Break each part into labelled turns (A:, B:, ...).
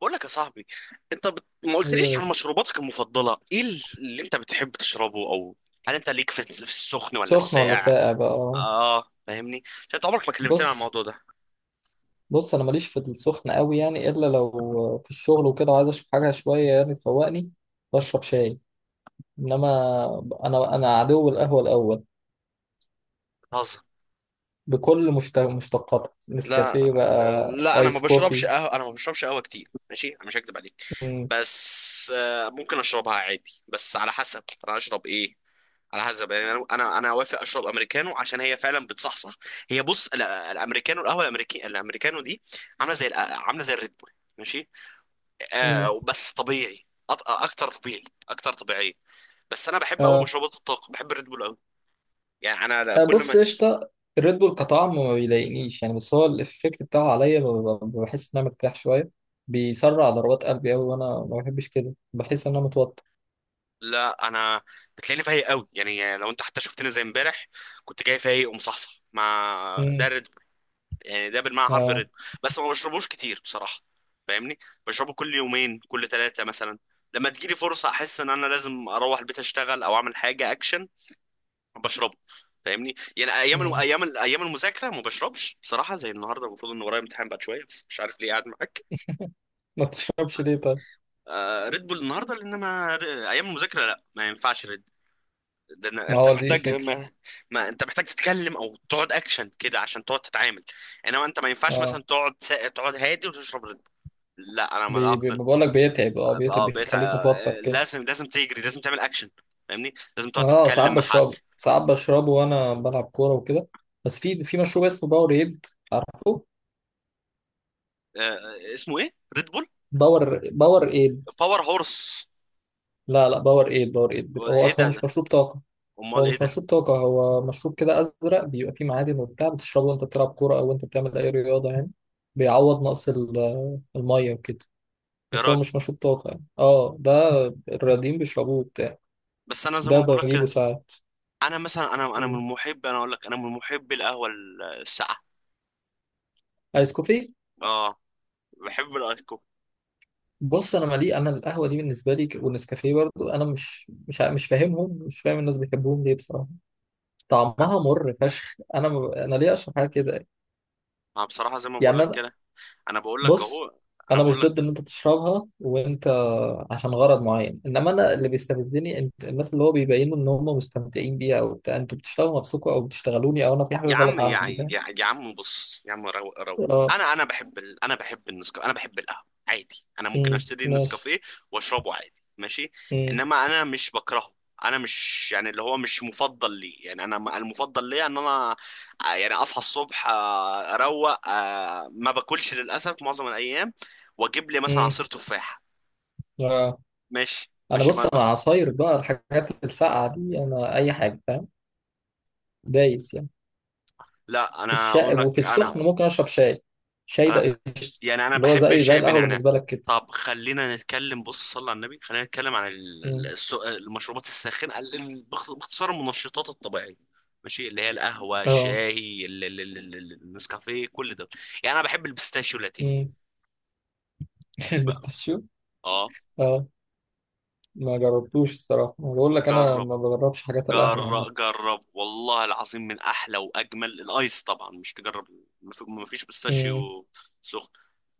A: بقول لك يا صاحبي. ما
B: ايه يا
A: قلتليش عن
B: باشا.
A: مشروباتك المفضله ايه اللي انت بتحب تشربه، او هل انت ليك في السخن ولا
B: سخن ولا
A: الساقع؟
B: ساقع بقى؟
A: اه فاهمني، عشان انت عمرك ما كلمتني عن
B: بص
A: الموضوع ده.
B: بص، انا ماليش في السخن قوي، يعني الا لو في الشغل وكده وعايز اشرب حاجه شويه يعني تفوقني، بشرب شاي. انما انا عدو القهوه الاول
A: بتهزر.
B: بكل مشتقاتها،
A: لا
B: نسكافيه
A: آه،
B: بقى،
A: لا، انا ما
B: ايس
A: بشربش
B: كوفي.
A: قهوه، انا ما بشربش قهوه كتير، ماشي، انا مش هكذب عليك.
B: مم.
A: بس ممكن اشربها عادي، بس على حسب انا اشرب ايه. على حسب، يعني انا انا أنا اوافق اشرب امريكانو عشان هي فعلا بتصحصح. هي بص الامريكانو، القهوه الامريكي الامريكانو دي عامله عامله زي الريد بول، ماشي.
B: امم.
A: آه بس طبيعي، اكتر طبيعي، اكتر طبيعيه. بس انا بحب قوي
B: اه.
A: مشروبات الطاقه، بحب الريد بول قوي. يعني انا
B: أه،
A: كل ما...
B: بص قشطه. الريد بول كطعم ما بيضايقنيش يعني، بس هو الافكت بتاعه عليا بحس ان انا مرتاح شويه، بيسرع ضربات قلبي قوي، وانا ما بحبش كده، بحس ان انا متوتر.
A: لا، انا بتلاقيني فايق قوي، يعني لو انت حتى شفتني زي امبارح كنت جاي فايق ومصحصح مع ده
B: امم.
A: ريد بول. يعني ده بالمعنى حرفي ريد بول، بس ما بشربوش كتير بصراحه. فاهمني؟ بشربه كل يومين كل ثلاثه مثلا، لما تجيلي فرصه احس ان انا لازم اروح البيت اشتغل او اعمل حاجه اكشن، بشربه. فاهمني؟ يعني ايام الو-
B: مم.
A: ايام ال- ايام المذاكره ما بشربش بصراحه، زي النهارده المفروض ان ورايا امتحان بعد شويه بس مش عارف ليه قاعد معاك.
B: ما تشربش ليه طيب؟
A: آه ريد بول النهارده لان ما... ايام المذاكره لا، ما ينفعش ريد بول، لان
B: ما
A: انت
B: هو دي
A: محتاج
B: الفكرة.
A: ما، ما انت محتاج تتكلم او تقعد اكشن كده عشان تقعد تتعامل. انما انت ما ينفعش مثلا
B: اه،
A: تقعد هادي وتشرب ريد بول، لا، انا ما
B: بي بي
A: اقتنع.
B: بقول لك بيتعب. اه، بيتعب،
A: اه بقيت
B: بيخليك متوتر كده.
A: لازم تجري، لازم تعمل اكشن، فاهمني؟ لازم تقعد
B: اه، ساعات
A: تتكلم مع حد.
B: بشربه، ساعات بشربه وانا بلعب كورة وكده. بس في مشروب اسمه باور ايد، عارفه؟
A: آه، اسمه ايه، ريد بول؟
B: باور ايد.
A: باور هورس؟
B: لا لا، باور ايد باور ايد هو
A: ايه
B: اصلا هو
A: ده،
B: مش مشروب طاقة.
A: امال
B: هو
A: ايه
B: مش
A: ده
B: مشروب طاقة، هو مشروب كده ازرق، بيبقى فيه معادن وبتاع، بتشربه وانت بتلعب كورة او انت بتعمل اي رياضة يعني، بيعوض نقص المية وكده.
A: يا
B: بس هو
A: راجل؟
B: مش مشروب طاقة يعني، اه، ده الرياضيين بيشربوه وبتاع،
A: بس انا زي
B: ده
A: ما بقول لك
B: بجيبه
A: كده،
B: ساعات.
A: انا مثلا انا انا من
B: مم.
A: محب انا اقول لك، انا من محب القهوه الساقعه.
B: ايس كوفي.
A: اه بحب الايس كوفي.
B: بص، انا مالي، انا القهوه دي بالنسبه لي والنسكافيه برضو، انا مش مش مش فاهم الناس بيحبوهم ليه بصراحه. طعمها مر فشخ، انا ما ب- انا ليه اشرب حاجه كده؟
A: انا بصراحه زي ما بقول
B: يعني
A: لك
B: انا،
A: كده، انا بقول لك
B: بص،
A: اهو، انا
B: انا مش
A: بقول لك
B: ضد ان انت تشربها وانت عشان غرض معين، انما انا اللي بيستفزني الناس اللي هو بيبينوا ان هم مستمتعين بيها او بتاع، انتوا بتشتغلوا نفسكم او بتشتغلوني او انا في حاجه
A: يا عم،
B: غلط
A: يا
B: عندي، فاهم؟
A: يا يا عم بص يا عم، روق،
B: اه.
A: انا انا بحب النسكافيه، انا بحب القهوه عادي، انا ممكن
B: امم،
A: اشتري
B: ماشي.
A: النسكافيه واشربه عادي، ماشي.
B: امم.
A: انما انا مش بكرهه، انا مش يعني اللي هو مش مفضل لي، يعني المفضل ليا ان انا يعني اصحى الصبح، اروق، ما باكلش للاسف معظم الايام، واجيب لي مثلا عصير تفاح،
B: امم.
A: ماشي
B: انا،
A: ماشي،
B: بص،
A: ما
B: انا
A: بس.
B: عصاير بقى، الحاجات الساقعه دي انا اي حاجه، فاهم؟ دايس يعني.
A: لا انا
B: الشاي
A: اقول
B: وفي
A: لك،
B: السخن
A: انا
B: ممكن اشرب شاي. شاي
A: انا
B: ده قشطه.
A: يعني انا
B: اللي هو
A: بحب
B: زي
A: الشاي
B: القهوه
A: بنعناع.
B: بالنسبه لك كده.
A: طب خلينا نتكلم، بص صلى على النبي، خلينا نتكلم عن
B: مم.
A: المشروبات الساخنه، باختصار المنشطات الطبيعيه، ماشي، اللي هي القهوه،
B: اه.
A: الشاي، النسكافيه، كل ده. يعني انا بحب البيستاشيو لاتيه
B: مم.
A: بقى.
B: البستاشيو.
A: اه،
B: اه، ما جربتوش الصراحه. أنا بقول لك انا
A: جرب،
B: ما بجربش حاجات القهوه عامه.
A: جرب والله العظيم من احلى واجمل الايس، طبعا مش تجرب، مفيش
B: مم.
A: بيستاشيو سخن،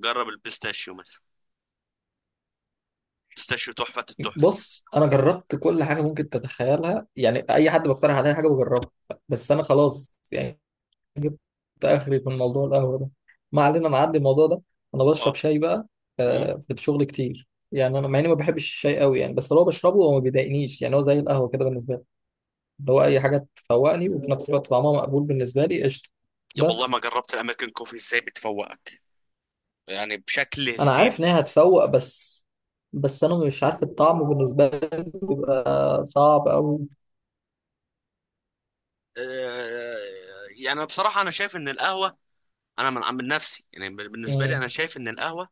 A: جرب البيستاشيو مثلا، بيستاشيو تحفة التحفة.
B: بص، انا جربت كل حاجه ممكن تتخيلها يعني، اي حد بقترح عليا حاجه بجربها. بس انا خلاص يعني، ده اخري في الموضوع القهوه ده، ما علينا نعدي الموضوع ده. انا
A: اه،
B: بشرب شاي بقى في الشغل كتير، يعني انا مع اني ما بحبش الشاي قوي يعني، بس لو بشربه هو ما بيضايقنيش يعني، هو زي القهوه كده بالنسبه لي، اللي هو اي حاجه تفوقني وفي نفس الوقت طعمها مقبول بالنسبه لي، قشطه.
A: يا والله،
B: بس
A: ما جربت الامريكان كوفي ازاي بتفوقك، يعني بشكل
B: انا عارف
A: هستيري.
B: ان هي هتفوق، بس بس انا مش عارف الطعم بالنسبه لي بيبقى صعب قوي.
A: آه، يعني بصراحه انا شايف ان القهوه، انا من نفسي، يعني بالنسبه لي انا
B: مم.
A: شايف ان القهوه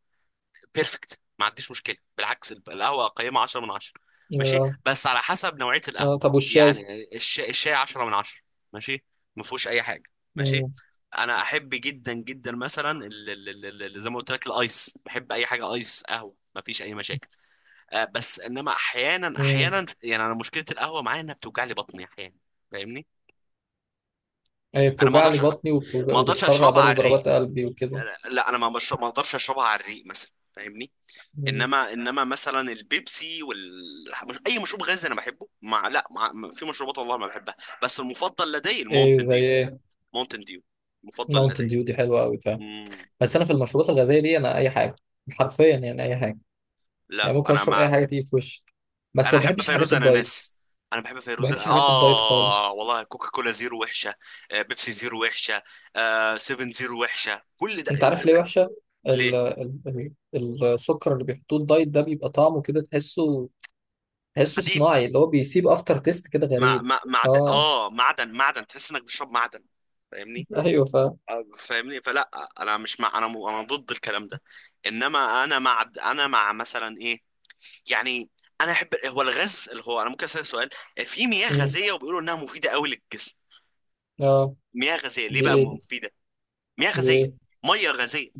A: بيرفكت، ما عنديش مشكله، بالعكس القهوه قيمه 10 من 10، ماشي،
B: آه.
A: بس على حسب نوعيه القهوه.
B: آه، طب والشاي؟
A: يعني الشاي 10 من 10، ماشي، ما فيهوش اي حاجه، ماشي.
B: مم.
A: انا احب جدا جدا مثلا زي ما قلت لك الايس، بحب اي حاجه ايس قهوه، ما فيش اي مشاكل. بس انما احيانا
B: مم.
A: احيانا يعني انا مشكله القهوه معايا انها بتوجع لي بطني احيانا، فاهمني؟
B: هي
A: انا ما
B: بتوجع لي
A: اقدرش،
B: بطني
A: ما اقدرش
B: وبتسرع
A: اشربها
B: برضو
A: على الريق،
B: ضربات قلبي وكده.
A: لا انا ما بشرب، ما اقدرش اشربها على الريق مثلا، فاهمني؟ انما مثلا البيبسي وال... اي مشروب غازي انا بحبه، مع لا مع، في مشروبات والله ما بحبها، بس المفضل لدي
B: ايه
A: الماونتن
B: زي
A: ديو.
B: ايه؟
A: ماونتن ديو المفضل
B: ماونتن
A: لدي.
B: ديو دي حلوه قوي، فاهم؟
A: مم.
B: بس انا في المشروبات الغازيه دي انا اي حاجه، حرفيا يعني اي حاجه، يعني
A: لا
B: ممكن
A: انا
B: اشرب
A: مع،
B: اي حاجه تيجي في وشي، بس
A: انا
B: ما
A: احب
B: بحبش حاجات
A: فيروز
B: الدايت،
A: اناناسي، انا بحب
B: ما
A: فيروز،
B: بحبش حاجات الدايت
A: اه
B: خالص.
A: والله. كوكا كولا زيرو وحشه، آه بيبسي زيرو وحشه، آه سيفن زيرو وحشه، كل ده.
B: انت عارف ليه وحشه؟
A: ليه؟
B: ال ال ال السكر اللي بيحطوه الدايت ده بيبقى طعمه كده تحسه
A: حديد،
B: صناعي، اللي هو بيسيب افتر تيست كده
A: مع
B: غريب.
A: مع معد...
B: اه.
A: اه معدن، معدن، تحس انك بتشرب معدن، فاهمني؟
B: ايوه، فاهم.
A: فاهمني فلا. انا مش مع، انا ضد الكلام ده، انما انا مع، انا مع مثلا ايه، يعني انا احب هو الغاز اللي هو، انا ممكن اسالك سؤال؟ في مياه
B: مم.
A: غازيه وبيقولوا انها مفيده قوي للجسم.
B: اه.
A: مياه غازيه ليه
B: دي
A: بقى
B: ايه؟
A: مفيده؟ مياه
B: دي ايه؟
A: غازيه، ميه غازيه،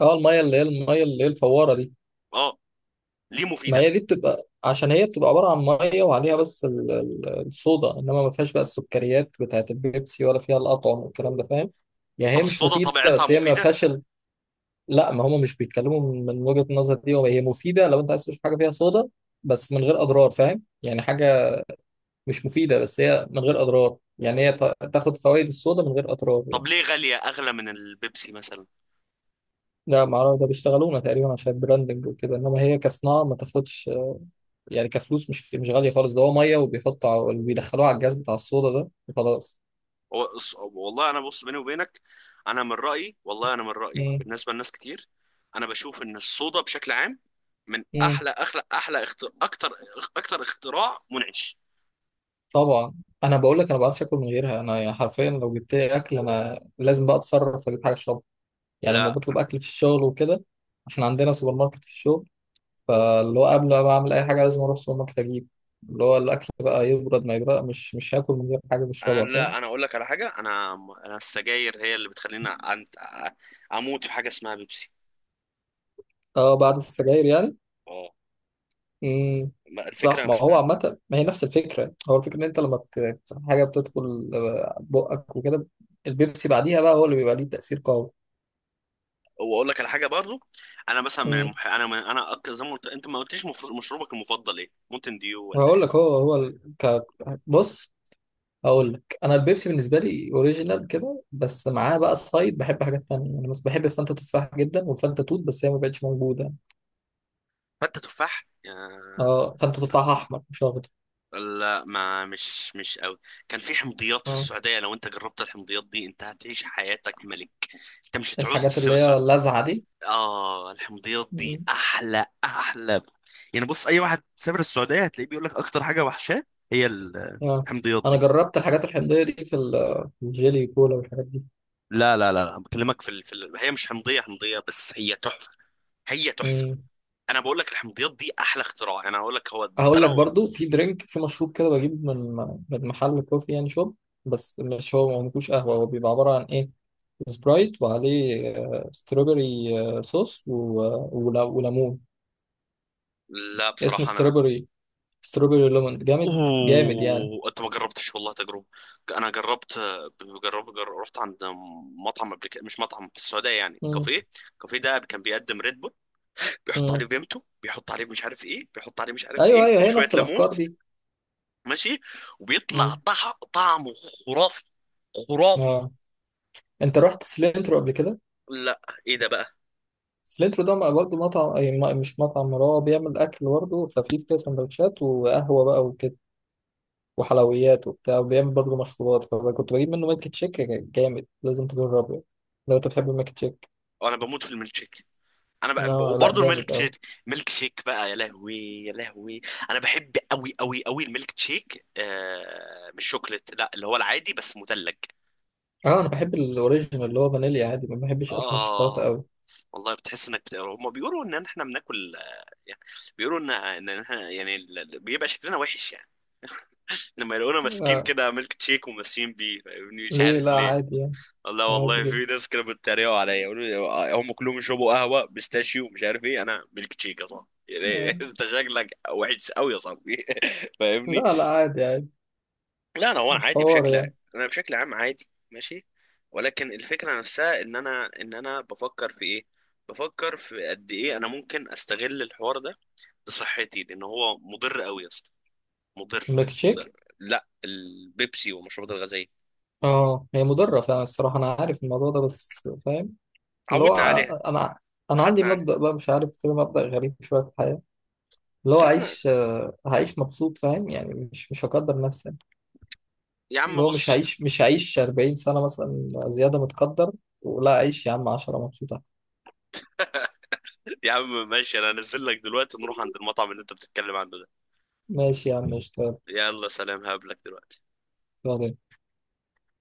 B: اه، الميه اللي هي الفواره دي.
A: اه. ليه
B: ما
A: مفيده؟
B: هي دي بتبقى عشان هي بتبقى عبارة عن مية وعليها بس الصودا، إنما ما فيهاش بقى السكريات بتاعة البيبسي، ولا فيها الأطعم والكلام ده، فاهم؟ يعني
A: طب
B: هي مش
A: الصودا
B: مفيدة،
A: طبيعتها
B: بس هي ما
A: مفيده؟
B: فيهاش. لا، ما هم مش بيتكلموا من وجهة النظر دي، هو هي مفيدة لو أنت عايز تشرب حاجة فيها صودا، بس من غير أضرار، فاهم؟ يعني حاجة مش مفيدة بس هي من غير أضرار، يعني هي تاخد فوائد الصودا من غير أضرار
A: طب
B: يعني.
A: ليه غاليه اغلى من البيبسي مثلا؟
B: ده معرفة، ده بيشتغلونا تقريبا عشان البراندنج وكده، إنما هي كصناعة ما تاخدش، يعني كفلوس مش غالية خالص، ده هو مية وبيحطوا وبيدخلوها على الجهاز بتاع الصودا ده وخلاص.
A: والله انا بص بيني وبينك، انا من رايي، والله انا من رايي،
B: مم.
A: بالنسبه لناس كتير انا بشوف ان الصودا بشكل عام من
B: مم.
A: احلى اكتر اختراع منعش.
B: طبعا. انا بقول لك انا ما بعرفش اكل من غيرها، انا يعني حرفيا لو جبت لي اكل انا لازم بقى اتصرف اجيب حاجه اشربها، يعني لما
A: لا
B: بطلب اكل في الشغل وكده، احنا عندنا سوبر ماركت في الشغل، فاللي هو قبل ما اعمل اي حاجه لازم اروح السوبر ماركت اجيب اللي هو الاكل بقى، يبرد ما يبرد، مش هاكل من غير حاجه
A: انا،
B: بشربها، فاهم؟
A: لا انا اقول لك على حاجه، انا، انا السجاير هي اللي بتخليني اموت في حاجه اسمها بيبسي.
B: اه، بعد السجاير يعني.
A: اه
B: امم. صح،
A: الفكره.
B: ما هو عامة، ما هي نفس الفكرة، هو الفكرة ان انت لما حاجة بتدخل بقك وكده، البيبسي بعديها بقى هو اللي بيبقى ليه تأثير قوي.
A: واقول لك على حاجه برضو، انا مثلا من
B: امم.
A: المح... انا من... انا أك... زي ما قلت انت ما قلتليش مشروبك المفضل ايه، ممكن ديو ولا
B: هقول لك،
A: ايه؟
B: هو هو بص. هقول لك انا البيبسي بالنسبة لي اوريجينال كده، بس معاه بقى سايد بحب حاجات تانية يعني، بس بحب الفانتا تفاح جدا والفانتا توت، بس هي ما بقتش موجودة.
A: فتة تفاح،
B: اه، فانتا تفاح احمر مش اخضر.
A: لا ما، مش قوي. كان في حمضيات في
B: مم.
A: السعوديه، لو انت جربت الحمضيات دي انت هتعيش حياتك ملك، انت مش هتعوز
B: الحاجات
A: تسيب
B: اللي هي
A: السعوديه.
B: اللاذعة دي.
A: اه الحمضيات دي
B: مم.
A: احلى احلى، يعني بص اي واحد سافر السعوديه هتلاقيه بيقول لك اكتر حاجه وحشاه هي
B: اه.
A: الحمضيات
B: انا
A: دي.
B: جربت الحاجات الحمضية دي في في الجيلي كولا والحاجات دي.
A: لا لا لا لا، بكلمك في ال... في ال... هي مش حمضيه حمضيه بس هي تحفه، هي تحفه.
B: مم.
A: انا بقول لك الحمضيات دي احلى اختراع، يعني انا هقول لك هو ده
B: هقول لك
A: لو...
B: برضو في مشروب كده بجيب من محل كوفي يعني شوب، بس مش هو ما فيهوش قهوة، هو بيبقى عبارة عن ايه، سبرايت وعليه ستروبري صوص وليمون،
A: لا
B: اسمه
A: بصراحه انا...
B: ستروبري ليمون جامد جامد يعني.
A: اوه انت ما جربتش، والله تجربه. انا جربت، جربت، رحت عند مطعم قبل كده، مش مطعم في السعوديه يعني
B: مم.
A: كافيه، الكافيه ده كان بيقدم ريد بول، بيحط
B: مم.
A: عليه فيمتو، بيحط عليه مش عارف ايه، بيحط عليه مش عارف
B: ايوه،
A: ايه،
B: ايوه، هي
A: وشويه
B: نفس
A: ليمون،
B: الافكار دي.
A: ماشي، وبيطلع
B: مم.
A: طعمه خرافي، خرافي.
B: اه. انت رحت سلينترو قبل كده؟
A: لا، ايه ده بقى؟
B: سلينترو ده برضه مطعم، مش مطعم، هو بيعمل اكل برضه خفيف كده، سندوتشات وقهوة بقى وحلويات وبتاع، وبيعمل برضه مشروبات، فكنت بجيب منه ميلك تشيك جامد، لازم تجربه لو انت بتحب الميلك تشيك.
A: انا بموت في الميلك شيك، انا بقى
B: لا لا،
A: وبرضه الميلك
B: جامد قوي.
A: شيك، ميلك شيك بقى يا لهوي، يا لهوي. انا بحب قوي قوي قوي الميلك شيك، آه مش شوكليت، لا اللي هو العادي بس مثلج.
B: اه، انا بحب الاوريجينال اللي هو فانيليا عادي، ما بحبش اصلا الشوكولاته
A: اه
B: قوي.
A: والله، بتحس انك بت... هم بيقولوا ان احنا بناكل يعني، بيقولوا ان احنا يعني بيبقى شكلنا وحش يعني لما يلاقونا ماسكين
B: لا،
A: كده ميلك شيك وماسكين بيه، فاهمني؟ مش
B: ليه؟
A: عارف
B: لا،
A: ليه.
B: عادي يعني.
A: لا
B: عادي
A: والله
B: جدا.
A: في ناس كانوا بيتريقوا عليا يقولوا لي، هم كلهم يشربوا قهوه بيستاشيو مش عارف ايه، انا ميلك تشيك يا صاحبي يعني،
B: آه.
A: انت شكلك وحش قوي يا صاحبي فاهمني؟
B: لا لا، عادي، عادي.
A: لا انا هو انا
B: مش
A: عادي
B: حوار
A: بشكل عام،
B: يعني.
A: انا بشكل عام عادي، ماشي. ولكن الفكره نفسها ان انا بفكر في ايه، بفكر في قد ايه انا ممكن استغل الحوار ده لصحتي، لان هو مضر قوي يا اسطى، مضر.
B: الميلك تشيك؟
A: لا، البيبسي والمشروبات الغازيه
B: اه، هي مضره فعلا الصراحه، انا عارف الموضوع ده، بس فاهم اللي هو،
A: عودنا عليها،
B: انا انا عندي
A: خدنا عنها،
B: مبدأ بقى مش عارف كده، مبدأ غريب شويه في الحياه، اللي هو
A: خدنا.
B: هعيش مبسوط، فاهم يعني؟ مش هقدر نفسي،
A: يا عم
B: اللي هو مش
A: بص،
B: هعيش، 40 سنة مثلا زيادة متقدر، ولا أعيش يا عم 10 مبسوطة.
A: يا عم ماشي، انا هنزل لك دلوقتي نروح عند المطعم اللي انت بتتكلم عنه ده.
B: ماشي يا عم، اشتغل.
A: يلا سلام، هقابلك دلوقتي.